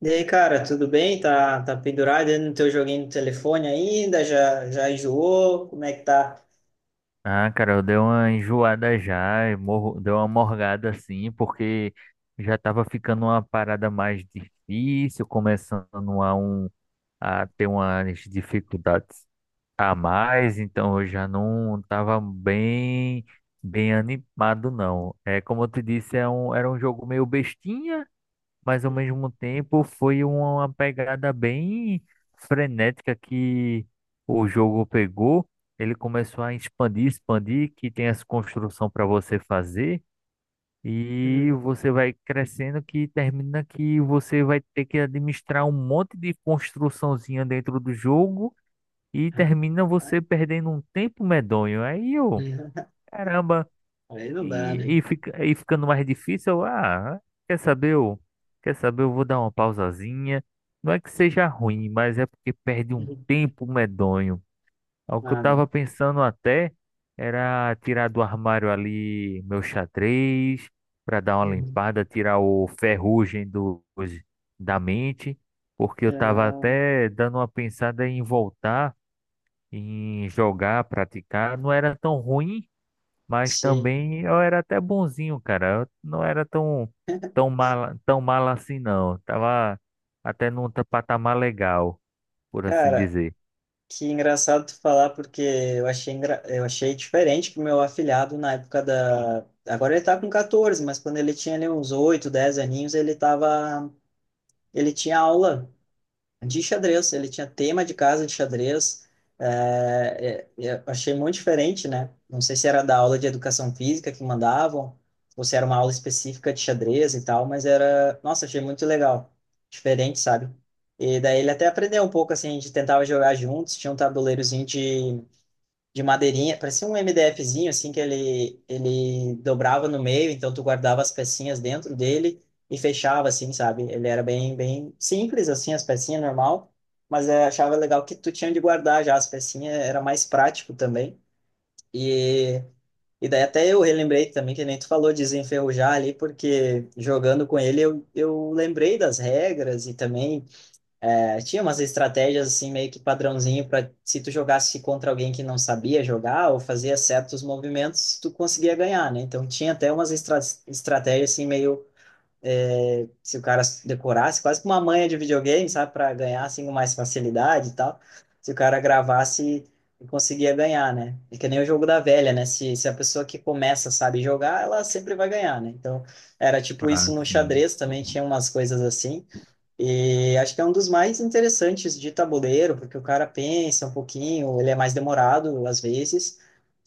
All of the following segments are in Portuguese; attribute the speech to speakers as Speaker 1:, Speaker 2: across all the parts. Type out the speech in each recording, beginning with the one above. Speaker 1: E aí, cara, tudo bem? Tá, pendurado aí no teu joguinho do telefone ainda? Já enjoou? Como é que tá?
Speaker 2: Ah, cara, eu dei uma enjoada já, eu morro, dei uma morgada assim, porque já tava ficando uma parada mais difícil, começando a, um, a ter umas dificuldades a mais, então eu já não tava bem, bem animado, não. É, como eu te disse, era um jogo meio bestinha, mas ao
Speaker 1: Uhum.
Speaker 2: mesmo tempo foi uma pegada bem frenética que o jogo pegou. Ele começou a expandir, que tem essa construção para você fazer e
Speaker 1: Uhum.
Speaker 2: você vai crescendo que termina que você vai ter que administrar um monte de construçãozinha dentro do jogo e termina
Speaker 1: Rapaz.
Speaker 2: você perdendo um tempo medonho. Aí eu,
Speaker 1: Uhum.
Speaker 2: caramba.
Speaker 1: Aí não dá, né?
Speaker 2: E ficando mais difícil, eu, ah, quer saber, eu, quer saber, eu vou dar uma pausazinha. Não é que seja ruim, mas é porque perde um
Speaker 1: Uhum.
Speaker 2: tempo medonho. É o que eu
Speaker 1: Ah, não.
Speaker 2: tava pensando até era tirar do armário ali meu xadrez, para dar uma
Speaker 1: Uhum.
Speaker 2: limpada, tirar o ferrugem da mente, porque eu tava
Speaker 1: Ah,
Speaker 2: até dando uma pensada em voltar, em jogar, praticar. Não era tão ruim, mas
Speaker 1: sim.
Speaker 2: também eu era até bonzinho, cara. Eu não era tão, tão mal assim, não. Tava até num patamar legal, por assim
Speaker 1: Cara,
Speaker 2: dizer.
Speaker 1: que engraçado tu falar, porque eu achei, eu achei diferente que o meu afilhado na época da. Agora ele tá com 14, mas quando ele tinha ali uns 8, 10 aninhos, ele tava. Ele tinha aula. De xadrez, ele tinha tema de casa de xadrez. Eu achei muito diferente, né? Não sei se era da aula de educação física que mandavam, ou se era uma aula específica de xadrez e tal, mas era, nossa, achei muito legal, diferente, sabe? E daí ele até aprendeu um pouco assim, a gente tentava jogar juntos, tinha um tabuleirozinho de madeirinha, parecia um MDFzinho, assim, que ele dobrava no meio, então tu guardava as pecinhas dentro dele e fechava, assim, sabe? Ele era bem simples, assim, as pecinhas, normal, mas eu achava legal que tu tinha de guardar já as pecinhas, era mais prático também. E, e daí até eu relembrei também, que nem tu falou, de desenferrujar ali, porque jogando com ele eu lembrei das regras e também tinha umas estratégias assim meio que padrãozinho para se tu jogasse contra alguém que não sabia jogar ou fazia certos movimentos, tu conseguia ganhar, né? Então tinha até umas estratégias assim meio se o cara decorasse, quase que uma manha de videogame, sabe, para ganhar assim com mais facilidade e tal. Se o cara gravasse, conseguia ganhar, né? É que nem o jogo da velha, né? Se a pessoa que começa sabe jogar, ela sempre vai ganhar, né? Então era tipo
Speaker 2: Ah,
Speaker 1: isso no
Speaker 2: sim.
Speaker 1: xadrez também tinha umas coisas assim. E acho que é um dos mais interessantes de tabuleiro, porque o cara pensa um pouquinho, ele é mais demorado às vezes,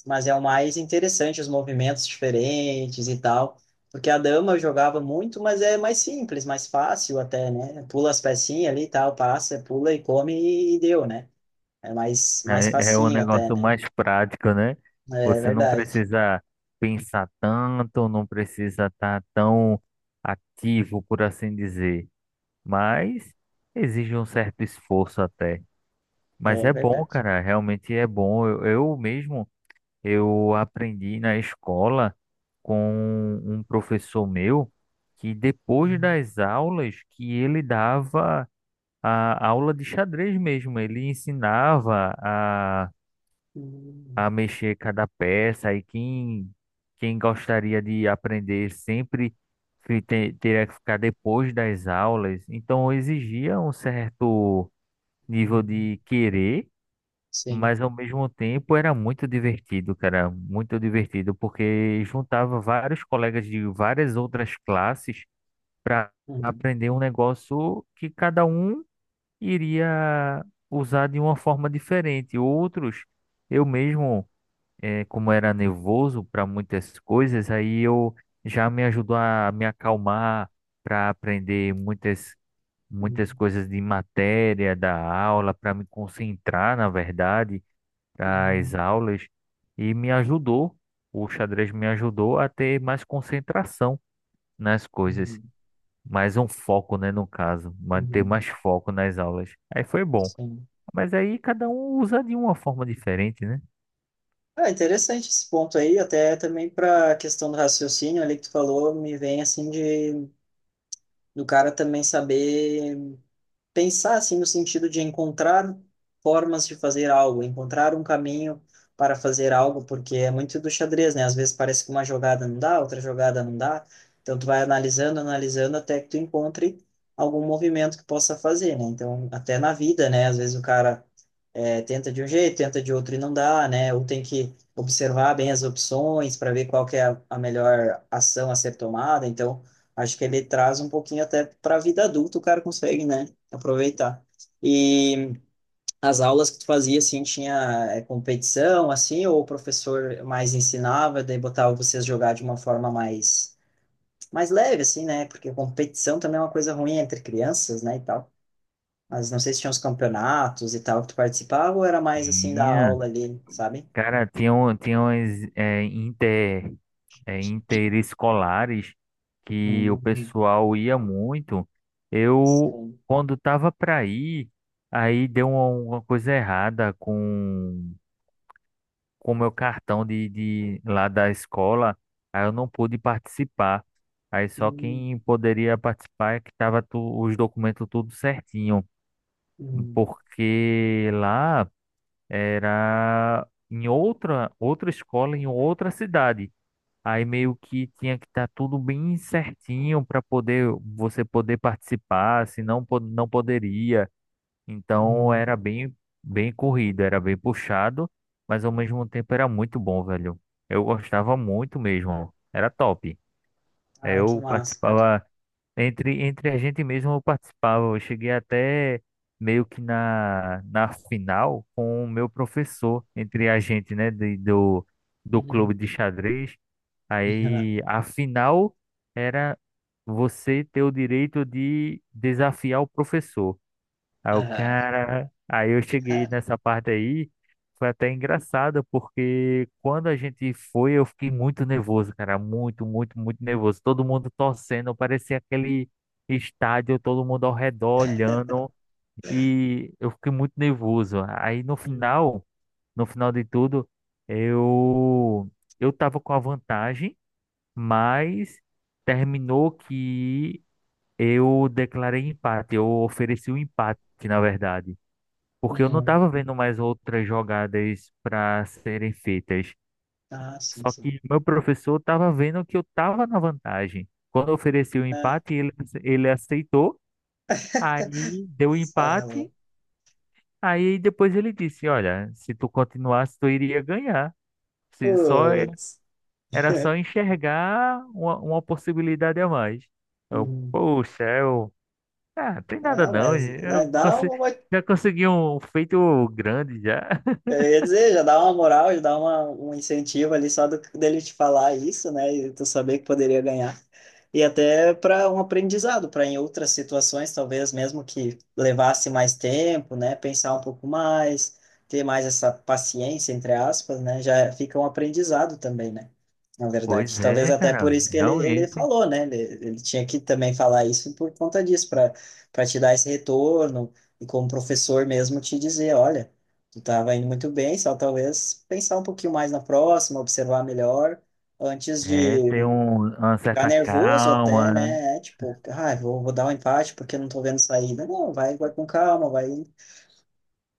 Speaker 1: mas é o mais interessante, os movimentos diferentes e tal. Porque a dama eu jogava muito, mas é mais simples, mais fácil até, né? Pula as pecinhas ali e tal, passa, pula e come e deu, né? É mais
Speaker 2: É, é um
Speaker 1: facinho até,
Speaker 2: negócio
Speaker 1: né?
Speaker 2: mais prático, né?
Speaker 1: É
Speaker 2: Você não
Speaker 1: verdade,
Speaker 2: precisa pensar tanto, não precisa estar tão ativo, por assim dizer. Mas exige um certo esforço até. Mas
Speaker 1: é
Speaker 2: é bom,
Speaker 1: verdade.
Speaker 2: cara, realmente é bom. Eu mesmo, eu aprendi na escola com um professor meu que depois
Speaker 1: Uhum.
Speaker 2: das aulas que ele dava a aula de xadrez mesmo, ele ensinava a
Speaker 1: Uhum.
Speaker 2: mexer cada peça e quem gostaria de aprender sempre teria que ficar depois das aulas. Então exigia um certo nível de querer,
Speaker 1: Sim.
Speaker 2: mas ao mesmo tempo era muito divertido, cara, muito divertido, porque juntava vários colegas de várias outras classes para
Speaker 1: Uhum.
Speaker 2: aprender um negócio que cada um iria usar de uma forma diferente. Outros, eu mesmo como era nervoso para muitas coisas, aí eu já me ajudou a me acalmar para aprender muitas
Speaker 1: Uhum.
Speaker 2: coisas de matéria da aula, para me concentrar, na verdade, das
Speaker 1: Uhum.
Speaker 2: aulas e me ajudou, o xadrez me ajudou a ter mais concentração nas coisas,
Speaker 1: Uhum.
Speaker 2: mais um foco, né, no caso, manter
Speaker 1: Uhum.
Speaker 2: mais foco nas aulas. Aí foi bom.
Speaker 1: Sim.
Speaker 2: Mas aí cada um usa de uma forma diferente, né?
Speaker 1: Ah, interessante esse ponto aí, até também para a questão do raciocínio ali que tu falou, me vem assim de do cara também saber pensar assim no sentido de encontrar formas de fazer algo, encontrar um caminho para fazer algo, porque é muito do xadrez, né? Às vezes parece que uma jogada não dá, outra jogada não dá, então tu vai analisando, analisando até que tu encontre algum movimento que possa fazer, né? Então, até na vida, né? Às vezes o cara tenta de um jeito, tenta de outro e não dá, né? Ou tem que observar bem as opções para ver qual que é a melhor ação a ser tomada. Então, acho que ele traz um pouquinho até para a vida adulta, o cara consegue, né? Aproveitar. E as aulas que tu fazia, assim, tinha competição, assim, ou o professor mais ensinava, daí botava vocês jogar de uma forma mais leve, assim, né? Porque competição também é uma coisa ruim entre crianças, né, e tal. Mas não sei se tinha uns campeonatos e tal que tu participava ou era mais assim da
Speaker 2: Sim,
Speaker 1: aula ali, sabe?
Speaker 2: cara, tinha umas interescolares que o
Speaker 1: Hum.
Speaker 2: pessoal ia muito. Eu,
Speaker 1: Sim.
Speaker 2: quando tava para ir, aí deu uma coisa errada com o meu cartão de lá da escola, aí eu não pude participar. Aí só
Speaker 1: Hum,
Speaker 2: quem poderia participar é que tava tu- os documentos tudo certinho,
Speaker 1: hum,
Speaker 2: porque lá era em outra escola, em outra cidade. Aí meio que tinha que estar tudo bem certinho para poder você poder participar, senão não poderia. Então
Speaker 1: hum.
Speaker 2: era bem bem corrido, era bem puxado, mas ao mesmo tempo era muito bom, velho. Eu gostava muito mesmo. Era top.
Speaker 1: Ah, que
Speaker 2: Eu
Speaker 1: massa, cara.
Speaker 2: participava entre a gente mesmo eu participava. Eu cheguei até meio que na final com o meu professor, entre a gente, né, do, do
Speaker 1: Uhum.
Speaker 2: clube de xadrez. Aí a final era você ter o direito de desafiar o professor.
Speaker 1: Aham.
Speaker 2: Aí eu cheguei nessa parte aí, foi até engraçado, porque quando a gente foi, eu fiquei muito nervoso, cara, muito, muito, muito nervoso. Todo mundo torcendo, parecia aquele estádio, todo mundo ao redor olhando, e eu fiquei muito nervoso. Aí no
Speaker 1: Uhum.
Speaker 2: final, No final de tudo, eu eu tava com a vantagem, mas terminou que eu declarei empate, eu ofereci o empate, na verdade, porque eu não
Speaker 1: Uhum.
Speaker 2: estava vendo mais outras jogadas para serem feitas.
Speaker 1: Ah, sim,
Speaker 2: Só
Speaker 1: sim.
Speaker 2: que meu professor estava vendo que eu estava na vantagem. Quando eu ofereci o
Speaker 1: Ah,
Speaker 2: empate, ele aceitou, aí deu o empate,
Speaker 1: sala.
Speaker 2: aí depois ele disse: Olha, se tu continuasse, tu iria ganhar. Se só é-
Speaker 1: Putz.
Speaker 2: Era só enxergar uma possibilidade a mais. Eu,
Speaker 1: Uhum.
Speaker 2: poxa, eu. Ah, tem nada
Speaker 1: Ah,
Speaker 2: não,
Speaker 1: mas
Speaker 2: eu
Speaker 1: né, dá
Speaker 2: consigo.
Speaker 1: uma.
Speaker 2: Já consegui um feito grande já.
Speaker 1: Eu ia dizer, já dá uma moral, já dá uma, um incentivo ali só do, dele te falar isso, né? E tu saber que poderia ganhar. E até para um aprendizado, para em outras situações, talvez mesmo que levasse mais tempo, né? Pensar um pouco mais, ter mais essa paciência, entre aspas, né? Já fica um aprendizado também, né? Na verdade.
Speaker 2: Pois
Speaker 1: Talvez
Speaker 2: é,
Speaker 1: até por
Speaker 2: cara,
Speaker 1: isso que ele
Speaker 2: realmente.
Speaker 1: falou, né? Ele tinha que também falar isso por conta disso, para te dar esse retorno e como professor mesmo te dizer, olha, tu estava indo muito bem, só talvez pensar um pouquinho mais na próxima, observar melhor antes
Speaker 2: É
Speaker 1: de
Speaker 2: ter uma
Speaker 1: ficar
Speaker 2: certa
Speaker 1: nervoso até,
Speaker 2: calma.
Speaker 1: né? É, tipo, ah, vou dar um empate porque eu não tô vendo saída. Não, vai com calma, vai.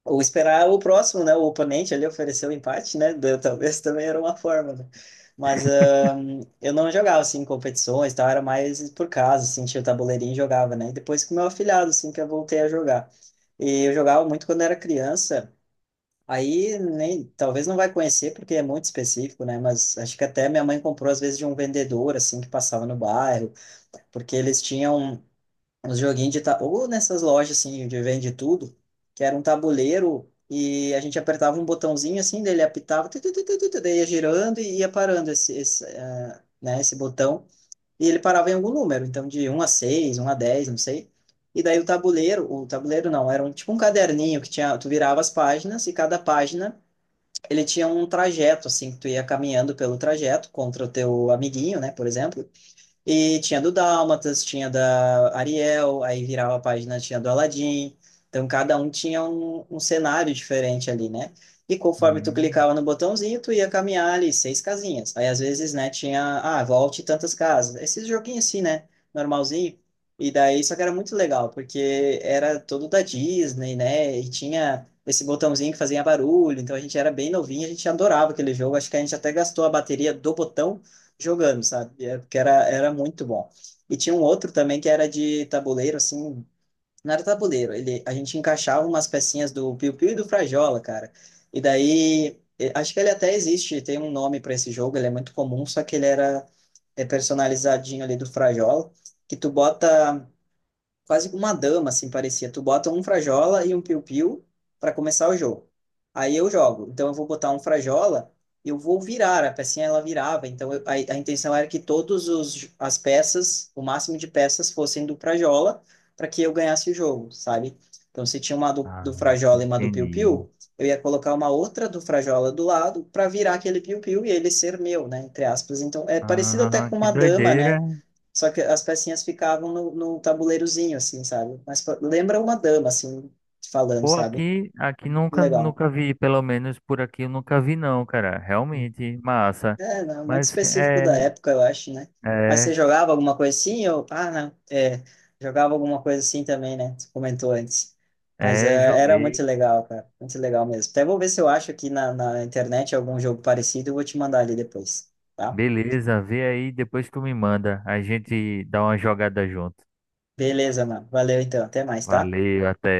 Speaker 1: Ou esperar o próximo, né? O oponente ali ofereceu o empate, né? Da- Talvez também era uma forma, né? Mas eu não jogava, assim, em competições, tal, era mais por casa, assim, tinha o tabuleirinho e jogava, né? E depois com o meu afilhado, assim, que eu voltei a jogar. E eu jogava muito quando era criança. Aí nem, talvez não vai conhecer porque é muito específico, né? Mas acho que até minha mãe comprou às vezes de um vendedor assim que passava no bairro porque eles tinham uns joguinhos de tabuleiro, ou nessas lojas assim, de vende tudo, que era um tabuleiro e a gente apertava um botãozinho assim, dele apitava, tu, tu, tu, tu, tu, tu, daí ia girando e ia parando né, esse botão. E ele parava em algum número, então de um a seis, um a 10, não sei. E daí o tabuleiro não, era um, tipo um caderninho que tinha, tu virava as páginas e cada página ele tinha um trajeto, assim, que tu ia caminhando pelo trajeto contra o teu amiguinho, né, por exemplo. E tinha do Dálmatas, tinha da Ariel, aí virava a página, tinha do Aladdin. Então, cada um tinha um cenário diferente ali, né? E conforme tu
Speaker 2: Hum,
Speaker 1: clicava no botãozinho, tu ia caminhar ali seis casinhas. Aí, às vezes, né, tinha, ah, volte tantas casas. Esses joguinhos assim, né? Normalzinho. E daí, só que era muito legal, porque era todo da Disney, né? E tinha esse botãozinho que fazia barulho. Então, a gente era bem novinho, a gente adorava aquele jogo. Acho que a gente até gastou a bateria do botão jogando, sabe? É, porque era muito bom. E tinha um outro também que era de tabuleiro, assim, não era tabuleiro, ele, a gente encaixava umas pecinhas do Piu Piu e do Frajola, cara. E daí, acho que ele até existe, tem um nome para esse jogo, ele é muito comum, só que ele era personalizadinho ali do Frajola, que tu bota quase que uma dama, assim, parecia. Tu bota um Frajola e um Piu-Piu para começar o jogo. Aí eu jogo. Então eu vou botar um Frajola, eu vou virar, a pecinha ela virava. A, a intenção era que todos os as peças, o máximo de peças fossem do Frajola para que eu ganhasse o jogo, sabe? Então se tinha uma
Speaker 2: ah,
Speaker 1: do Frajola e uma do
Speaker 2: entendi.
Speaker 1: Piu-Piu, eu ia colocar uma outra do Frajola do lado para virar aquele Piu-Piu e ele ser meu, né, entre aspas. Então é parecido até
Speaker 2: Ah,
Speaker 1: com
Speaker 2: que
Speaker 1: uma dama,
Speaker 2: doideira.
Speaker 1: né? Só que as pecinhas ficavam no, no tabuleirozinho, assim, sabe? Mas lembra uma dama, assim, falando,
Speaker 2: Pô,
Speaker 1: sabe?
Speaker 2: aqui
Speaker 1: Legal.
Speaker 2: nunca vi, pelo menos por aqui eu nunca vi não, cara. Realmente, massa.
Speaker 1: É, não, muito
Speaker 2: Mas
Speaker 1: específico da
Speaker 2: é,
Speaker 1: época, eu acho, né? Mas você
Speaker 2: é,
Speaker 1: jogava alguma coisa assim? Ou... Ah, não. É, jogava alguma coisa assim também, né? Você comentou antes. Mas
Speaker 2: É,
Speaker 1: é, era muito
Speaker 2: joguei.
Speaker 1: legal, cara. Muito legal mesmo. Até vou ver se eu acho aqui na, na internet algum jogo parecido. E vou te mandar ali depois, tá?
Speaker 2: Beleza, vê aí, depois tu me manda. A gente dá uma jogada junto.
Speaker 1: Beleza, mano. Valeu então. Até mais, tá?
Speaker 2: Valeu, até.